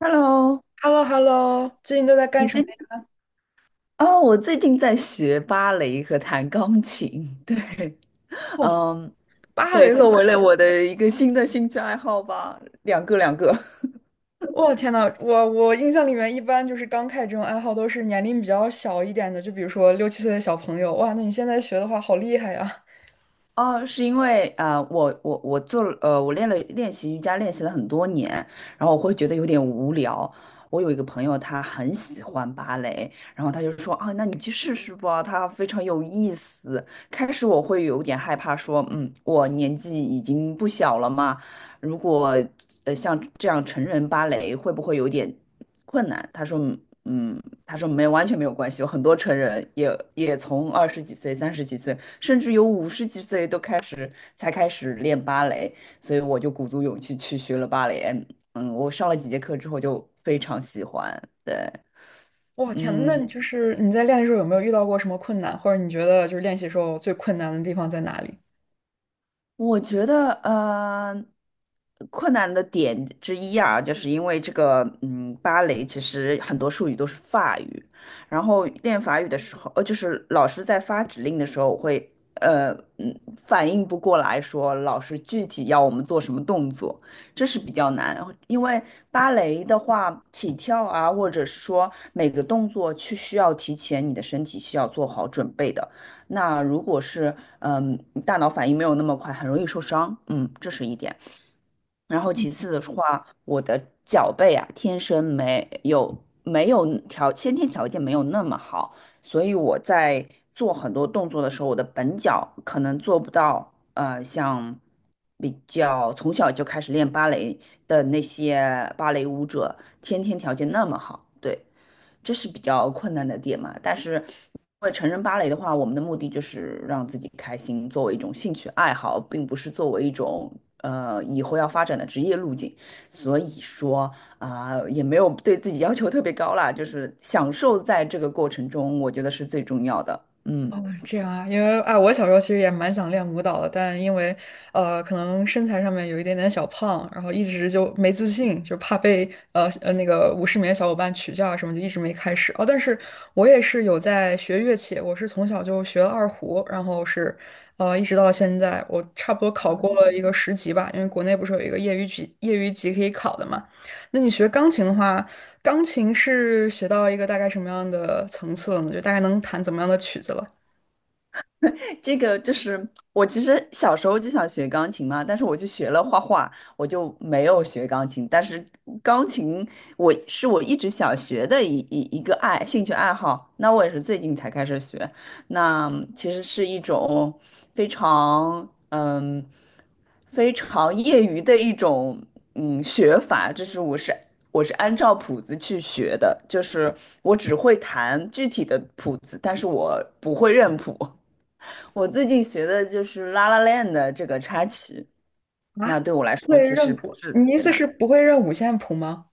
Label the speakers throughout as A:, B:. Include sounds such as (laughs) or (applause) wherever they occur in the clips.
A: Hello，
B: h e l l o h e l l o， 最近都在干
A: 你
B: 什
A: 最
B: 么呀？
A: 哦，我最近在学芭蕾和弹钢琴。(laughs) 对，
B: 哦，
A: 嗯，
B: 芭
A: 对，
B: 蕾舞！
A: 作为了我的一个新的兴趣爱好吧，两个两个。(laughs)
B: 天呐，我印象里面一般就是刚开始这种爱好都是年龄比较小一点的，就比如说六七岁的小朋友。哇，那你现在学的话，好厉害呀！
A: 哦，是因为啊，我我我做了呃，我练了练习瑜伽，练习了很多年，然后我会觉得有点无聊。我有一个朋友，他很喜欢芭蕾，然后他就说啊，那你去试试吧，它非常有意思。开始我会有点害怕，说我年纪已经不小了嘛，如果像这样成人芭蕾会不会有点困难？他说没，完全没有关系，有很多成人也从二十几岁、三十几岁，甚至有五十几岁都开始才开始练芭蕾，所以我就鼓足勇气去学了芭蕾。嗯，我上了几节课之后就非常喜欢。对，
B: 哇，天呐，那
A: 嗯，
B: 你就是你在练的时候有没有遇到过什么困难，或者你觉得就是练习时候最困难的地方在哪里？
A: 我觉得，困难的点之一啊，就是因为这个，嗯，芭蕾其实很多术语都是法语，然后练法语的时候，呃，就是老师在发指令的时候，我会，反应不过来说老师具体要我们做什么动作，这是比较难，因为芭蕾的话，起跳啊，或者是说每个动作去需要提前你的身体需要做好准备的。那如果是嗯大脑反应没有那么快，很容易受伤，嗯，这是一点。然后其次的话，我的脚背啊，天生没有先天条件没有那么好，所以我在做很多动作的时候，我的本脚可能做不到，像比较从小就开始练芭蕾的那些芭蕾舞者，先天条件那么好。对，这是比较困难的点嘛。但是，因为成人芭蕾的话，我们的目的就是让自己开心，作为一种兴趣爱好，并不是作为一种以后要发展的职业路径。所以说啊、也没有对自己要求特别高啦，就是享受在这个过程中，我觉得是最重要的。嗯。
B: 哦，这样啊。因为哎，我小时候其实也蛮想练舞蹈的，但因为可能身材上面有一点点小胖，然后一直就没自信，就怕被那个舞室里的小伙伴取笑啊什么，就一直没开始。哦，但是我也是有在学乐器，我是从小就学了二胡，然后是一直到现在，我差不多考过了一个10级吧，因为国内不是有一个业余级可以考的嘛。那你学钢琴的话，钢琴是学到一个大概什么样的层次了呢？就大概能弹怎么样的曲子了？
A: 这个就是我其实小时候就想学钢琴嘛，但是我就学了画画，我就没有学钢琴。但是钢琴我一直想学的一个兴趣爱好，那我也是最近才开始学。那其实是一种非常非常业余的一种学法，这是我是。我是按照谱子去学的，就是我只会弹具体的谱子，但是我不会认谱。我最近学的就是《La La Land》的这个插曲，那
B: 啊，
A: 对我来说
B: 会
A: 其实
B: 认
A: 不
B: 谱？
A: 是
B: 你
A: 特
B: 意
A: 别
B: 思
A: 难，
B: 是不会认五线谱吗？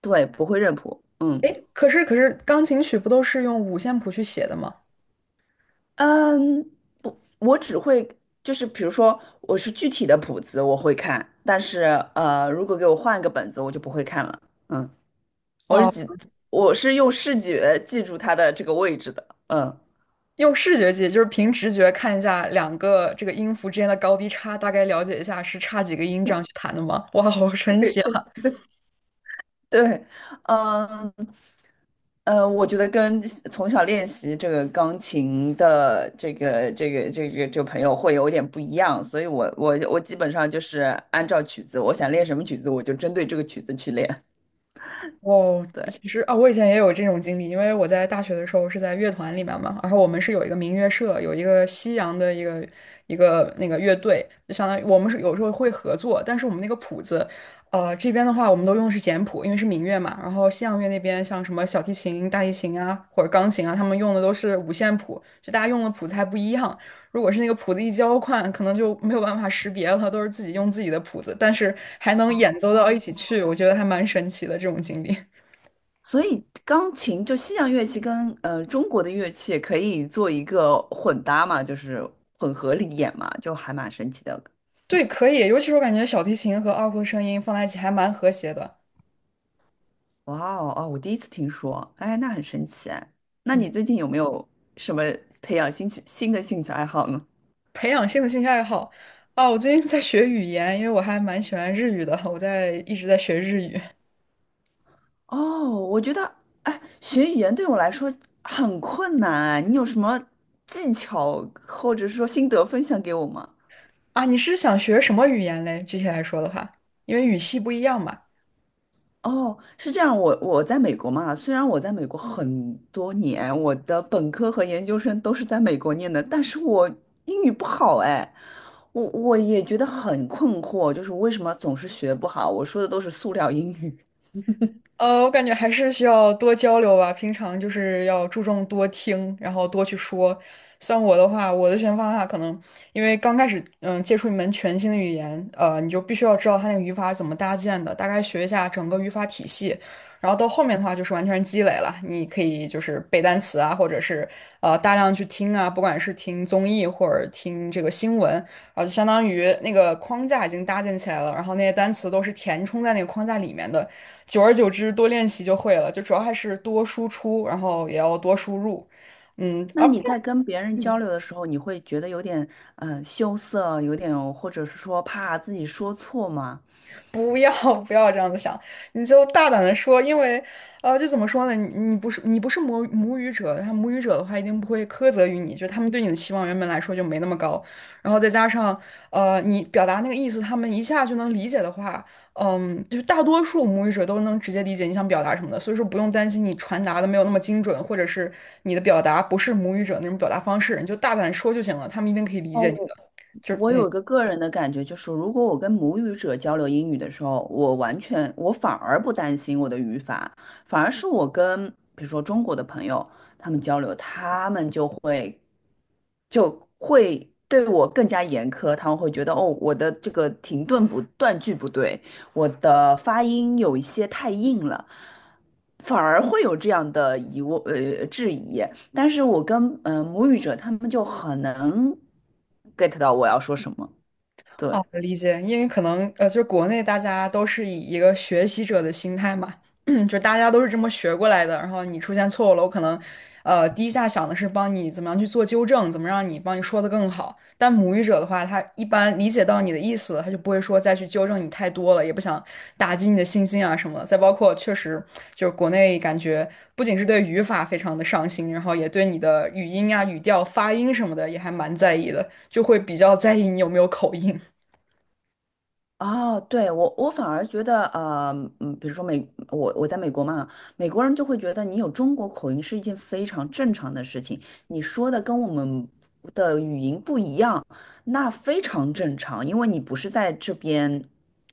A: 对，不会认谱，嗯
B: 诶，可是钢琴曲不都是用五线谱去写的吗？
A: 嗯，不，我只会就是比如说我是具体的谱子我会看，但是如果给我换一个本子，我就不会看了，嗯，我是
B: 哦，
A: 记，我是用视觉记住它的这个位置的，嗯，
B: 用视觉记，就是凭直觉看一下两个这个音符之间的高低差，大概了解一下是差几个音这样去弹的吗？哇，好神奇！
A: 对，嗯。我觉得跟从小练习这个钢琴的这个朋友会有点不一样，所以我基本上就是按照曲子，我想练什么曲子，我就针对这个曲子去练。
B: 哦，
A: 对，
B: 其实啊，我以前也有这种经历，因为我在大学的时候是在乐团里面嘛，然后我们是有一个民乐社，有一个西洋的一个那个乐队，就相当于我们是有时候会合作，但是我们那个谱子，这边的话我们都用的是简谱，因为是民乐嘛，然后西洋乐那边像什么小提琴、大提琴啊或者钢琴啊，他们用的都是五线谱，就大家用的谱子还不一样，如果是那个谱子一交换，可能就没有办法识别了，都是自己用自己的谱子，但是还能演奏到一起去，我觉得还蛮神奇的这种经历。
A: 所以钢琴就西洋乐器跟中国的乐器可以做一个混搭嘛，就是混合里演嘛，就还蛮神奇的。
B: 对，可以，尤其是我感觉小提琴和二胡的声音放在一起还蛮和谐的。
A: 哇哦哦，我第一次听说，哎，那很神奇哎那
B: 嗯，
A: 你最近有没有什么培养新的兴趣爱好呢？
B: 培养新的兴趣爱好啊，我最近在学语言，因为我还蛮喜欢日语的，我一直在学日语
A: 哦，我觉得，哎，学语言对我来说很困难啊。你有什么技巧或者说心得分享给我吗？
B: 啊。你是想学什么语言嘞？具体来说的话，因为语系不一样嘛。
A: 哦，是这样，我在美国嘛，虽然我在美国很多年，我的本科和研究生都是在美国念的，但是我英语不好哎，我也觉得很困惑，就是为什么总是学不好？我说的都是塑料英语，
B: 我感觉还是需要多交流吧。平常就是要注重多听，然后多去说。像我的话，我的学习方法可能因为刚开始，嗯，接触一门全新的语言，你就必须要知道它那个语法是怎么搭建的，大概学一下整个语法体系。然后到后面的话，就是完全积累了，你可以就是背单词啊，或者是大量去听啊，不管是听综艺或者听这个新闻，啊，就相当于那个框架已经搭建起来了，然后那些单词都是填充在那个框架里面的，久而久之多练习就会了，就主要还是多输出，然后也要多输入，嗯，
A: 那
B: 而
A: 你在跟别人交流的时候，你会觉得有点羞涩，有点或者是说怕自己说错吗？
B: 不要 (laughs) 不要这样子想，你就大胆的说。因为，就怎么说呢，你不是母语者，他母语者的话一定不会苛责于你，就他们对你的期望原本来说就没那么高，然后再加上，你表达那个意思，他们一下就能理解的话，嗯，就是大多数母语者都能直接理解你想表达什么的，所以说不用担心你传达的没有那么精准，或者是你的表达不是母语者那种表达方式，你就大胆说就行了，他们一定可以理解
A: 哦，
B: 你的，就
A: 我
B: 嗯。
A: 有一个个人的感觉，就是如果我跟母语者交流英语的时候，我完全我反而不担心我的语法，反而是我跟比如说中国的朋友他们交流，他们就会对我更加严苛，他们会觉得哦，我的这个停顿不断句不对，我的发音有一些太硬了，反而会有这样的疑问质疑。但是我跟母语者他们就很能 get 到我要说什么，对。
B: 哦，理解，因为可能就是国内大家都是以一个学习者的心态嘛，(clears throat) 就大家都是这么学过来的，然后你出现错误了，我可能第一下想的是帮你怎么样去做纠正，怎么让你帮你说的更好。但母语者的话，他一般理解到你的意思了他就不会说再去纠正你太多了，也不想打击你的信心啊什么的。再包括确实就是国内感觉不仅是对语法非常的上心，然后也对你的语音啊、语调、发音什么的也还蛮在意的，就会比较在意你有没有口音。
A: 哦，对，我反而觉得，比如说我在美国嘛，美国人就会觉得你有中国口音是一件非常正常的事情，你说的跟我们的语音不一样，那非常正常，因为你不是在这边，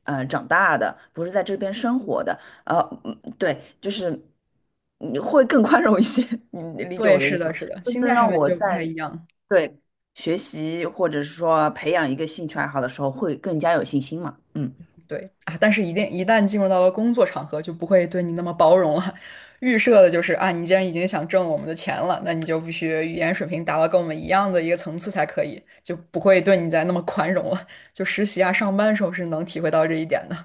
A: 长大的，不是在这边生活的，呃，对，就是你会更宽容一些，(laughs) 你理解
B: 对，
A: 我的意
B: 是
A: 思
B: 的，
A: 吗？
B: 是的，
A: 就
B: 心
A: 是
B: 态上
A: 让
B: 面
A: 我
B: 就
A: 在。
B: 不太一样。
A: 对，学习或者是说培养一个兴趣爱好的时候，会更加有信心嘛。嗯，
B: 对啊，但是一旦进入到了工作场合，就不会对你那么包容了。预设的就是啊，你既然已经想挣我们的钱了，那你就必须语言水平达到跟我们一样的一个层次才可以，就不会对你再那么宽容了。就实习啊、上班的时候是能体会到这一点的。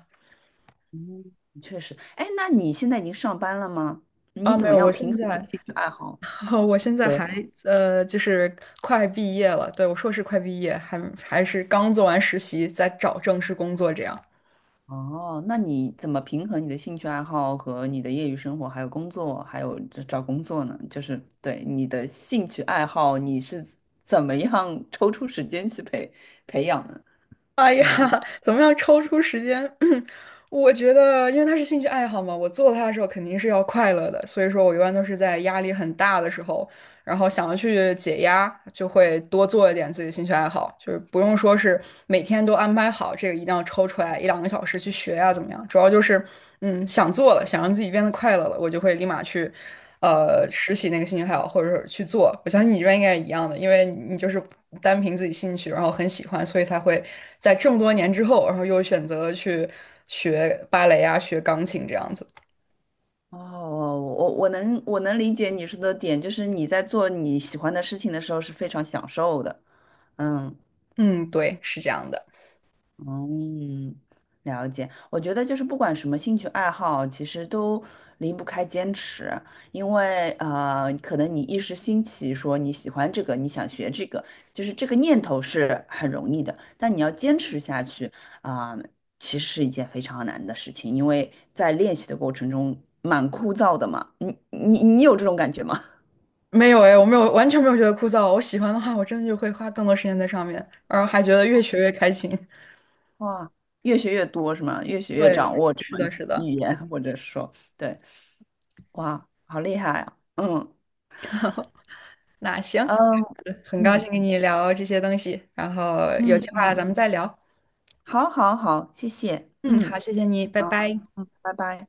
A: 嗯，确实。哎，那你现在已经上班了吗？你
B: 啊，
A: 怎
B: 没
A: 么
B: 有，
A: 样
B: 我
A: 平
B: 现
A: 衡你的
B: 在，
A: 兴趣爱好
B: (laughs) 我现在还
A: 和？
B: 就是快毕业了。对，我硕士快毕业，还是刚做完实习，在找正式工作这样。
A: 哦，那你怎么平衡你的兴趣爱好和你的业余生活，还有工作，还有这找工作呢？就是对你的兴趣爱好，你是怎么样抽出时间去培养的？
B: (laughs) 哎呀，
A: 嗯。
B: (laughs) 怎么样抽出时间？(clears throat) 我觉得，因为它是兴趣爱好嘛，我做它的时候肯定是要快乐的，所以说我一般都是在压力很大的时候，然后想要去解压，就会多做一点自己兴趣爱好。就是不用说是每天都安排好，这个一定要抽出来一两个小时去学呀、怎么样？主要就是，嗯，想做了，想让自己变得快乐了，我就会立马去，拾起那个兴趣爱好，或者是去做。我相信你这边应该也一样的，因为你就是单凭自己兴趣，然后很喜欢，所以才会在这么多年之后，然后又选择了去学芭蕾啊、学钢琴这样子。
A: 哦，我能理解你说的点，就是你在做你喜欢的事情的时候是非常享受的，嗯。
B: 嗯，对，是这样的。
A: 嗯，了解。我觉得就是不管什么兴趣爱好，其实都离不开坚持，因为可能你一时兴起说你喜欢这个，你想学这个，就是这个念头是很容易的，但你要坚持下去啊，其实是一件非常难的事情，因为在练习的过程中蛮枯燥的嘛。你有这种感觉吗？
B: 没有哎，我没有，完全没有觉得枯燥。我喜欢的话，我真的就会花更多时间在上面，然后还觉得越学越开心。
A: (laughs) 哇，越学越多是吗？越学
B: (laughs)
A: 越
B: 对，
A: 掌握这
B: 是
A: 门
B: 的，是的。
A: 语言，或者说，对，哇，好厉害啊！嗯。
B: 那行，
A: 嗯
B: 很高
A: 嗯
B: 兴跟你聊这些东西，然后有计
A: 嗯
B: 划
A: 嗯，
B: 咱们再聊。
A: 好好好，谢谢，
B: 嗯，
A: 嗯，
B: 好，谢谢你，拜
A: 好，
B: 拜。
A: 嗯，拜拜。